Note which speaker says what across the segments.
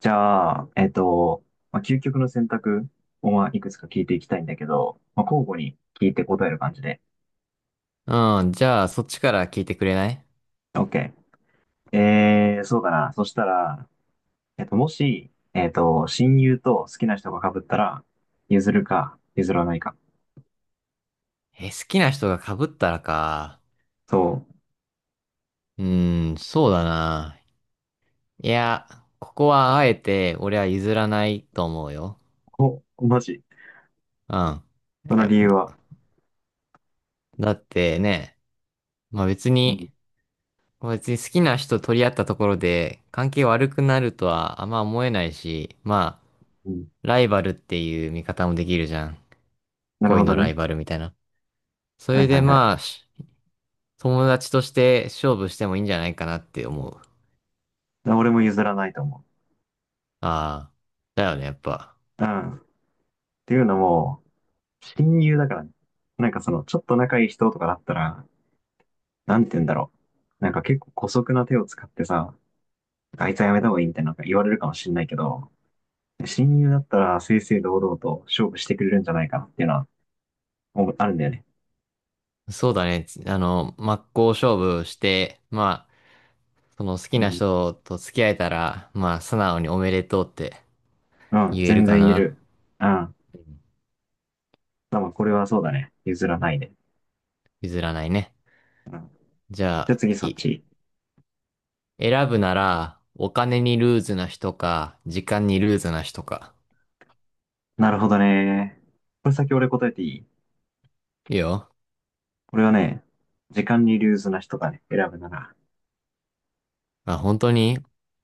Speaker 1: じゃあ、まあ、究極の選択を、まあ、いくつか聞いていきたいんだけど、まあ、交互に聞いて答える感じで。
Speaker 2: うん、じゃあ、そっちから聞いてくれない？
Speaker 1: OK。そうだな。そしたら、もし、親友と好きな人が被ったら、譲るか、譲らないか。
Speaker 2: え、好きな人が被ったらか。
Speaker 1: そう。
Speaker 2: うーん、そうだな。いや、ここはあえて俺は譲らないと思うよ。
Speaker 1: お、マジ。
Speaker 2: うん。
Speaker 1: そ
Speaker 2: い
Speaker 1: の
Speaker 2: や、
Speaker 1: 理由は？
Speaker 2: だってね、まあ別
Speaker 1: うん、
Speaker 2: に、別に好きな人取り合ったところで関係悪くなるとはあんま思えないし、まあ、
Speaker 1: うん。
Speaker 2: ライバルっていう見方もできるじゃん。
Speaker 1: なる
Speaker 2: 恋
Speaker 1: ほど
Speaker 2: のラ
Speaker 1: ね。
Speaker 2: イバルみたいな。そ
Speaker 1: は
Speaker 2: れ
Speaker 1: いは
Speaker 2: で
Speaker 1: いは
Speaker 2: まあ、
Speaker 1: い。
Speaker 2: 友達として勝負してもいいんじゃないかなって思う。
Speaker 1: 俺も譲らないと思
Speaker 2: ああ、だよね、やっぱ。
Speaker 1: う。うん。っていうのも、親友だからね。なんかその、ちょっと仲いい人とかだったら、なんて言うんだろう。なんか結構姑息な手を使ってさ、あいつはやめた方がいいみたいななんか言われるかもしんないけど、親友だったら正々堂々と勝負してくれるんじゃないかなっていうのは思うあるんだよね。
Speaker 2: そうだね。あの、真っ向勝負して、まあ、その好き
Speaker 1: う
Speaker 2: な
Speaker 1: ん。
Speaker 2: 人と付き合えたら、まあ、素直におめでとうって
Speaker 1: う
Speaker 2: 言
Speaker 1: ん、
Speaker 2: える
Speaker 1: 全
Speaker 2: か
Speaker 1: 然言え
Speaker 2: な。
Speaker 1: る。うん。
Speaker 2: うん、
Speaker 1: でもこれはそうだね。譲らないで。
Speaker 2: 譲らないね。
Speaker 1: うん。
Speaker 2: じゃ
Speaker 1: じ
Speaker 2: あ、
Speaker 1: ゃあ次そっ
Speaker 2: 次。
Speaker 1: ち。
Speaker 2: 選ぶなら、お金にルーズな人か、時間にルーズな人か。
Speaker 1: なるほどね。これ先俺答えていい？
Speaker 2: いいよ。
Speaker 1: 俺はね、時間にルーズな人がね、選ぶなら。
Speaker 2: あ、本当に？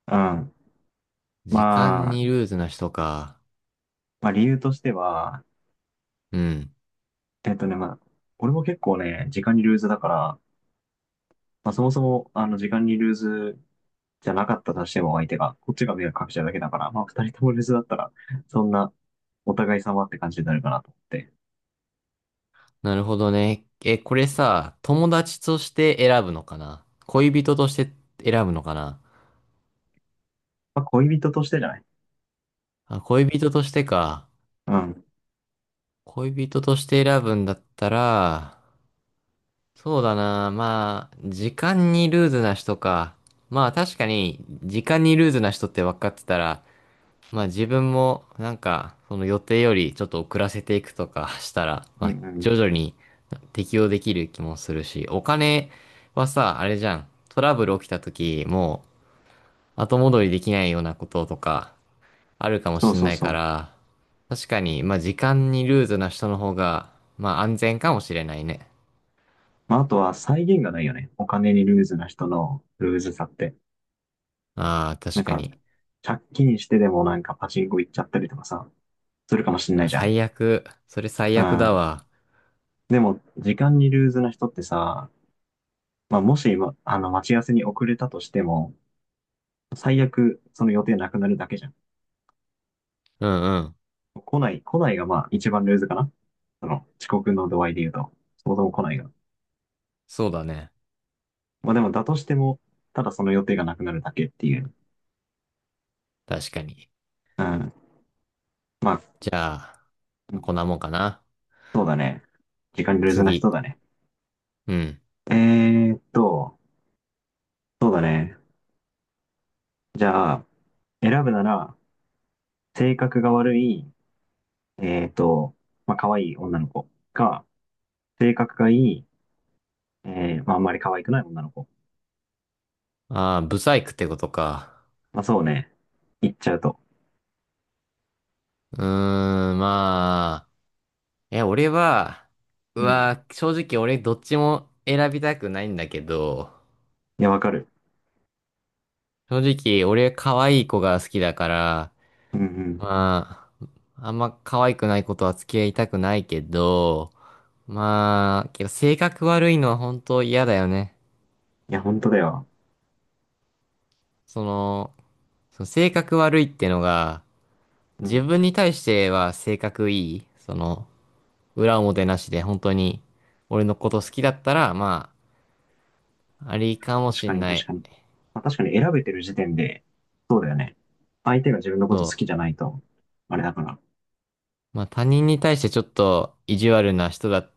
Speaker 1: うん。
Speaker 2: 時間
Speaker 1: まあ、
Speaker 2: にルーズな人か。
Speaker 1: まあ理由としては、
Speaker 2: うん。
Speaker 1: まあ、俺も結構ね、時間にルーズだから、まあ、そもそも、時間にルーズじゃなかったとしても相手が、こっちが迷惑かけちゃうだけだから、まあ、二人ともルーズだったら、そんな、お互い様って感じになるかなと思って。
Speaker 2: なるほどね。え、これさ、友達として選ぶのかな、恋人として選ぶのかな。
Speaker 1: まあ、恋人としてじゃない？
Speaker 2: あ、恋人としてか。
Speaker 1: うん。
Speaker 2: 恋人として選ぶんだったら、そうだな。まあ、時間にルーズな人か。まあ確かに、時間にルーズな人って分かってたら、まあ自分もなんか、その予定よりちょっと遅らせていくとかしたら、
Speaker 1: う
Speaker 2: まあ
Speaker 1: んうん。
Speaker 2: 徐々に適応できる気もするし、お金はさ、あれじゃん。トラブル起きた時、もう後戻りできないようなこととか、あるかも
Speaker 1: そう
Speaker 2: しん
Speaker 1: そう
Speaker 2: ない
Speaker 1: そ
Speaker 2: か
Speaker 1: う。
Speaker 2: ら、確かに、まあ時間にルーズな人の方が、まあ安全かもしれないね。
Speaker 1: まあ、あとは、際限がないよね。お金にルーズな人のルーズさって。
Speaker 2: ああ、
Speaker 1: なん
Speaker 2: 確か
Speaker 1: か、
Speaker 2: に。
Speaker 1: 借金してでもなんかパチンコ行っちゃったりとかさ、するかもしんない
Speaker 2: あ、
Speaker 1: じゃん。
Speaker 2: 最悪。それ最
Speaker 1: う
Speaker 2: 悪だ
Speaker 1: ん。
Speaker 2: わ。
Speaker 1: でも、時間にルーズな人ってさ、まあ、もし、まあの、待ち合わせに遅れたとしても、最悪、その予定なくなるだけじゃん。
Speaker 2: うんうん。
Speaker 1: 来ない、来ないがまあ一番ルーズかな。その遅刻の度合いで言うと、そもそも来ないが。
Speaker 2: そうだね。
Speaker 1: まあでもだとしても、ただその予定がなくなるだけっていう。
Speaker 2: 確かに。
Speaker 1: うん。まあ、
Speaker 2: じゃあ、
Speaker 1: う
Speaker 2: まあこ
Speaker 1: ん
Speaker 2: んなもんかな。
Speaker 1: そうだね。時間ルーズな
Speaker 2: 次。
Speaker 1: 人だね。
Speaker 2: うん。
Speaker 1: えーっと、そうだね。じゃあ、選ぶなら、性格が悪い、えーっと、まあ可愛い女の子か、性格がいい、まああんまり可愛くない女の子。
Speaker 2: ああ、ブサイクってことか。
Speaker 1: まあそうね。言っちゃうと。
Speaker 2: うーん、まあ。え、俺は、う
Speaker 1: うん。
Speaker 2: わ、正直俺どっちも選びたくないんだけど、
Speaker 1: いや、わかる。
Speaker 2: 正直俺可愛い子が好きだから、
Speaker 1: うんうん。
Speaker 2: まあ、あんま可愛くないことは付き合いたくないけど、まあ、けど性格悪いのは本当嫌だよね。
Speaker 1: いや、本当だよ。
Speaker 2: その、その性格悪いってのが、
Speaker 1: う
Speaker 2: 自
Speaker 1: ん。
Speaker 2: 分に対しては性格いい。その、裏表なしで本当に俺のこと好きだったら、まあ、ありかも
Speaker 1: 確
Speaker 2: し
Speaker 1: か
Speaker 2: ん
Speaker 1: に、
Speaker 2: な
Speaker 1: 確
Speaker 2: い。
Speaker 1: かに。まあ、確かに選べてる時点で、そうだよね。相手が自分のこ
Speaker 2: そ
Speaker 1: と好きじゃないと、あれだから。
Speaker 2: う。まあ他人に対してちょっと意地悪な人だっ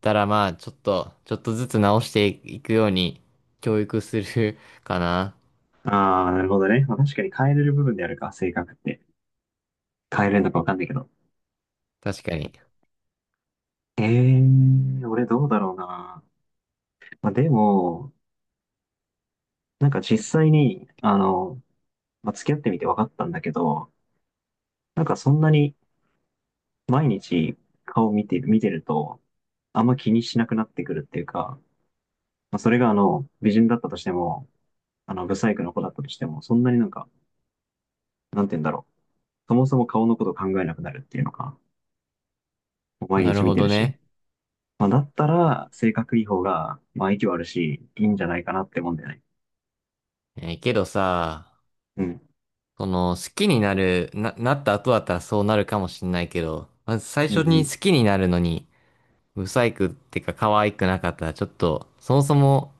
Speaker 2: たら、まあちょっと、ちょっとずつ直していくように教育する かな。
Speaker 1: ああ、なるほどね。まあ、確かに変えれる部分であるか、性格って。変えれるのかわかんないけど。
Speaker 2: 確かに。
Speaker 1: ええー、俺どうだろうな。まあ、でも、なんか実際に、まあ、付き合ってみて分かったんだけど、なんかそんなに毎日顔見てると、あんま気にしなくなってくるっていうか、まあ、それが美人だったとしても、ブサイクの子だったとしても、そんなになんか、なんて言うんだろう。そもそも顔のこと考えなくなるっていうのか、毎
Speaker 2: なる
Speaker 1: 日見
Speaker 2: ほ
Speaker 1: て
Speaker 2: ど
Speaker 1: るし。
Speaker 2: ね。
Speaker 1: まあ、だったら、性格いい方が、まあ、息はあるし、いいんじゃないかなってもんだよね。
Speaker 2: えーけどさ、
Speaker 1: うん。
Speaker 2: その、好きになる、な、なった後だったらそうなるかもしんないけど、まず最
Speaker 1: うん
Speaker 2: 初
Speaker 1: う
Speaker 2: に
Speaker 1: ん。
Speaker 2: 好きになるのに、不細工ってか可愛くなかったら、ちょっと、そもそも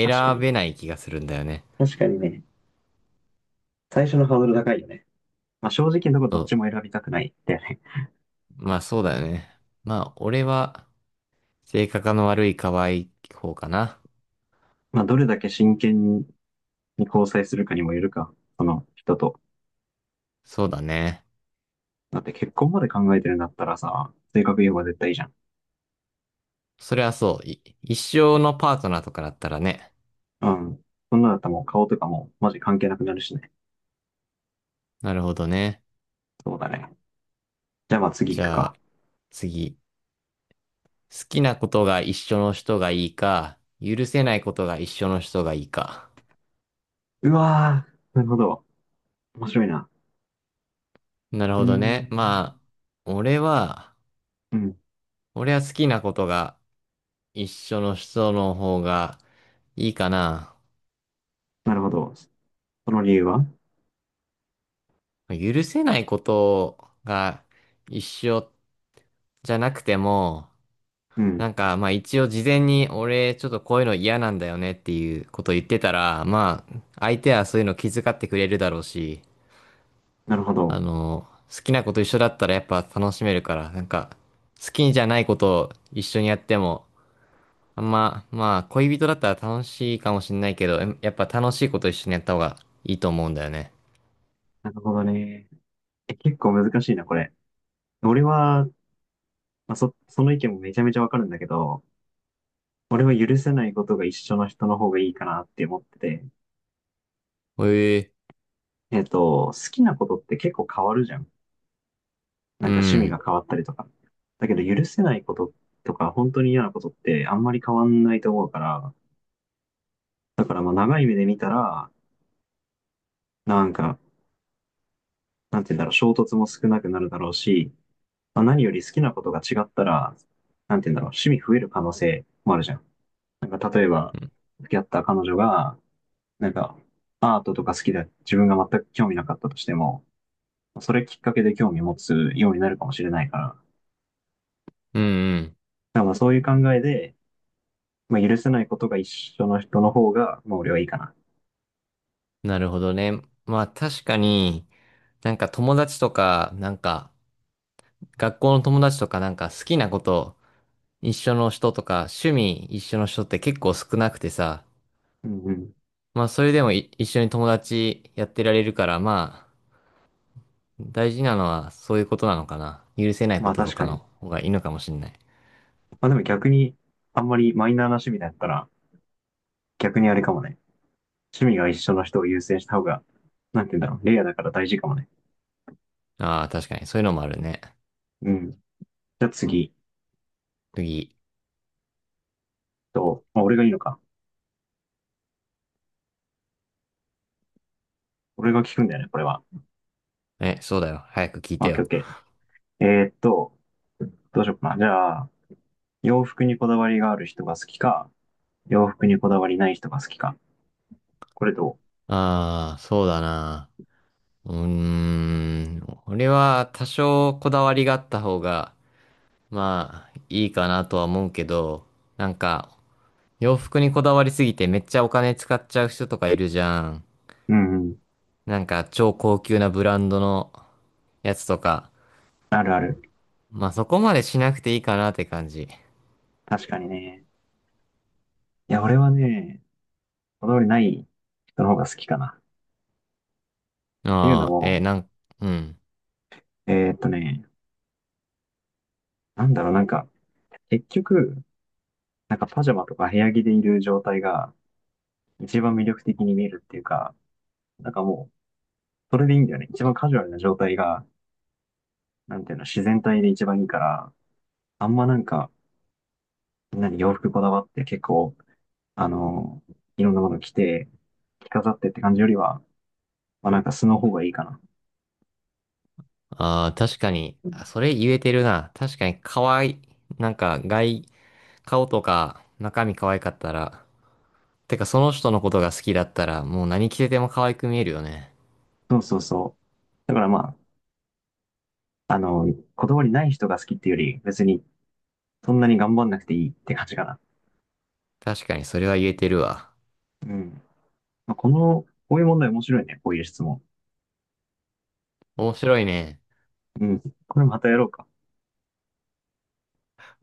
Speaker 1: 確か
Speaker 2: べ
Speaker 1: に。
Speaker 2: ない気がするんだよね。
Speaker 1: 確かにね。最初のハードル高いよね。まあ、正直なとこど
Speaker 2: そ
Speaker 1: っちも
Speaker 2: う。
Speaker 1: 選びたくないんだよね。
Speaker 2: まあそうだよね。まあ、俺は、性格の悪い可愛い方かな。
Speaker 1: まあ、どれだけ真剣に交際するかにもよるか、その人と。
Speaker 2: そうだね。
Speaker 1: だって結婚まで考えてるんだったらさ、性格いい方が絶対いいじゃん。
Speaker 2: それはそう。一生のパートナーとかだったらね。
Speaker 1: うん。そんなだったらもう顔とかもマジ関係なくなるしね。
Speaker 2: なるほどね。
Speaker 1: そうだね。じゃあまあ次
Speaker 2: じ
Speaker 1: 行く
Speaker 2: ゃ
Speaker 1: か。
Speaker 2: あ、次。好きなことが一緒の人がいいか、許せないことが一緒の人がいいか。
Speaker 1: うわー、なるほど。面白いな。
Speaker 2: なる
Speaker 1: うー
Speaker 2: ほどね。
Speaker 1: ん。
Speaker 2: まあ、俺は、
Speaker 1: うん。
Speaker 2: 俺は好きなことが一緒の人の方がいいかな。
Speaker 1: なるほど。その理由は？
Speaker 2: 許せないことが一緒じゃなくても、
Speaker 1: う
Speaker 2: な
Speaker 1: ん。
Speaker 2: んかまあ一応事前に俺ちょっとこういうの嫌なんだよねっていうこと言ってたら、まあ相手はそういうの気遣ってくれるだろうし、
Speaker 1: なるほど。
Speaker 2: あの、好きなこと一緒だったらやっぱ楽しめるから、なんか、好きじゃないことを一緒にやっても、あんま、まあ、恋人だったら楽しいかもしんないけど、やっぱ楽しいこと一緒にやった方がいいと思うんだよね。
Speaker 1: なるほどね。え、結構難しいな、これ。俺は、まあ、その意見もめちゃめちゃわかるんだけど、俺は許せないことが一緒の人の方がいいかなって思ってて。
Speaker 2: ええ。
Speaker 1: 好きなことって結構変わるじゃん。な
Speaker 2: う
Speaker 1: んか趣味が
Speaker 2: ん。
Speaker 1: 変わったりとか。だけど許せないこととか、本当に嫌なことってあんまり変わんないと思うから、だからまあ長い目で見たら、なんか、なんて言うんだろう、衝突も少なくなるだろうし、まあ、何より好きなことが違ったら、なんて言うんだろう、趣味増える可能性もあるじゃん。なんか例えば、付き合った彼女が、なんか、アートとか好きで自分が全く興味なかったとしても、それきっかけで興味持つようになるかもしれないから、だか
Speaker 2: うんうん。
Speaker 1: らまあそういう考えで、まあ、許せないことが一緒の人の方が、まあ俺はいいかな。
Speaker 2: なるほどね。まあ確かに、なんか友達とか、なんか学校の友達とかなんか好きなこと一緒の人とか趣味一緒の人って結構少なくてさ、
Speaker 1: うんうん。
Speaker 2: まあ、それでも一緒に友達やってられるから、まあ、大事なのはそういうことなのかな。許せない
Speaker 1: ま
Speaker 2: こ
Speaker 1: あ
Speaker 2: とと
Speaker 1: 確
Speaker 2: か
Speaker 1: か
Speaker 2: の
Speaker 1: に。
Speaker 2: 方がいいのかもしれない。
Speaker 1: まあでも逆に、あんまりマイナーな趣味だったら、逆にあれかもね。趣味が一緒の人を優先した方が、なんて言うんだろう。レイヤーだから大事かもね。
Speaker 2: ああ、確かに。そういうのもあるね。
Speaker 1: うん。じゃあ次
Speaker 2: 次。
Speaker 1: と、まあ、俺がいいのか。俺が聞くんだよね、これは。
Speaker 2: え、そうだよ。早く聞い
Speaker 1: オ
Speaker 2: て
Speaker 1: ッケー
Speaker 2: よ。
Speaker 1: オッケー。どうしようかな。じゃあ、洋服にこだわりがある人が好きか、洋服にこだわりない人が好きか。これど
Speaker 2: ああ、そうだな。うーん。俺は多少こだわりがあった方が、まあ、いいかなとは思うけど、なんか、洋服にこだわりすぎてめっちゃお金使っちゃう人とかいるじゃん。
Speaker 1: う？うんうん。
Speaker 2: なんか、超高級なブランドのやつとか。
Speaker 1: あるある。
Speaker 2: まあそこまでしなくていいかなって感じ。
Speaker 1: 確かにね。いや、俺はね、こだわりない人の方が好きかな。っていうの
Speaker 2: ああ、えー
Speaker 1: も、
Speaker 2: なん、うん。
Speaker 1: えーっとね、なんだろう、なんか、結局、なんかパジャマとか部屋着でいる状態が一番魅力的に見えるっていうか、なんかもう、それでいいんだよね。一番カジュアルな状態が、なんていうの、自然体で一番いいから、あんまなんか、みんなに洋服こだわって結構、あの、いろんなもの着て、着飾ってって感じよりは、まあなんか素の方がいいかな。
Speaker 2: ああ、確かに、あ、それ言えてるな。確かに可愛い。なんか外、顔とか中身可愛かったら、てかその人のことが好きだったら、もう何着てても可愛く見えるよね。
Speaker 1: そうそうそう。だからまあ、こだわりない人が好きっていうより、別にそんなに頑張んなくていいって感じかな。
Speaker 2: 確かにそれは言えてるわ。
Speaker 1: うん。まあこの、こういう問題面白いね。こういう質問。
Speaker 2: 面白いね。
Speaker 1: うん。これまたやろうか。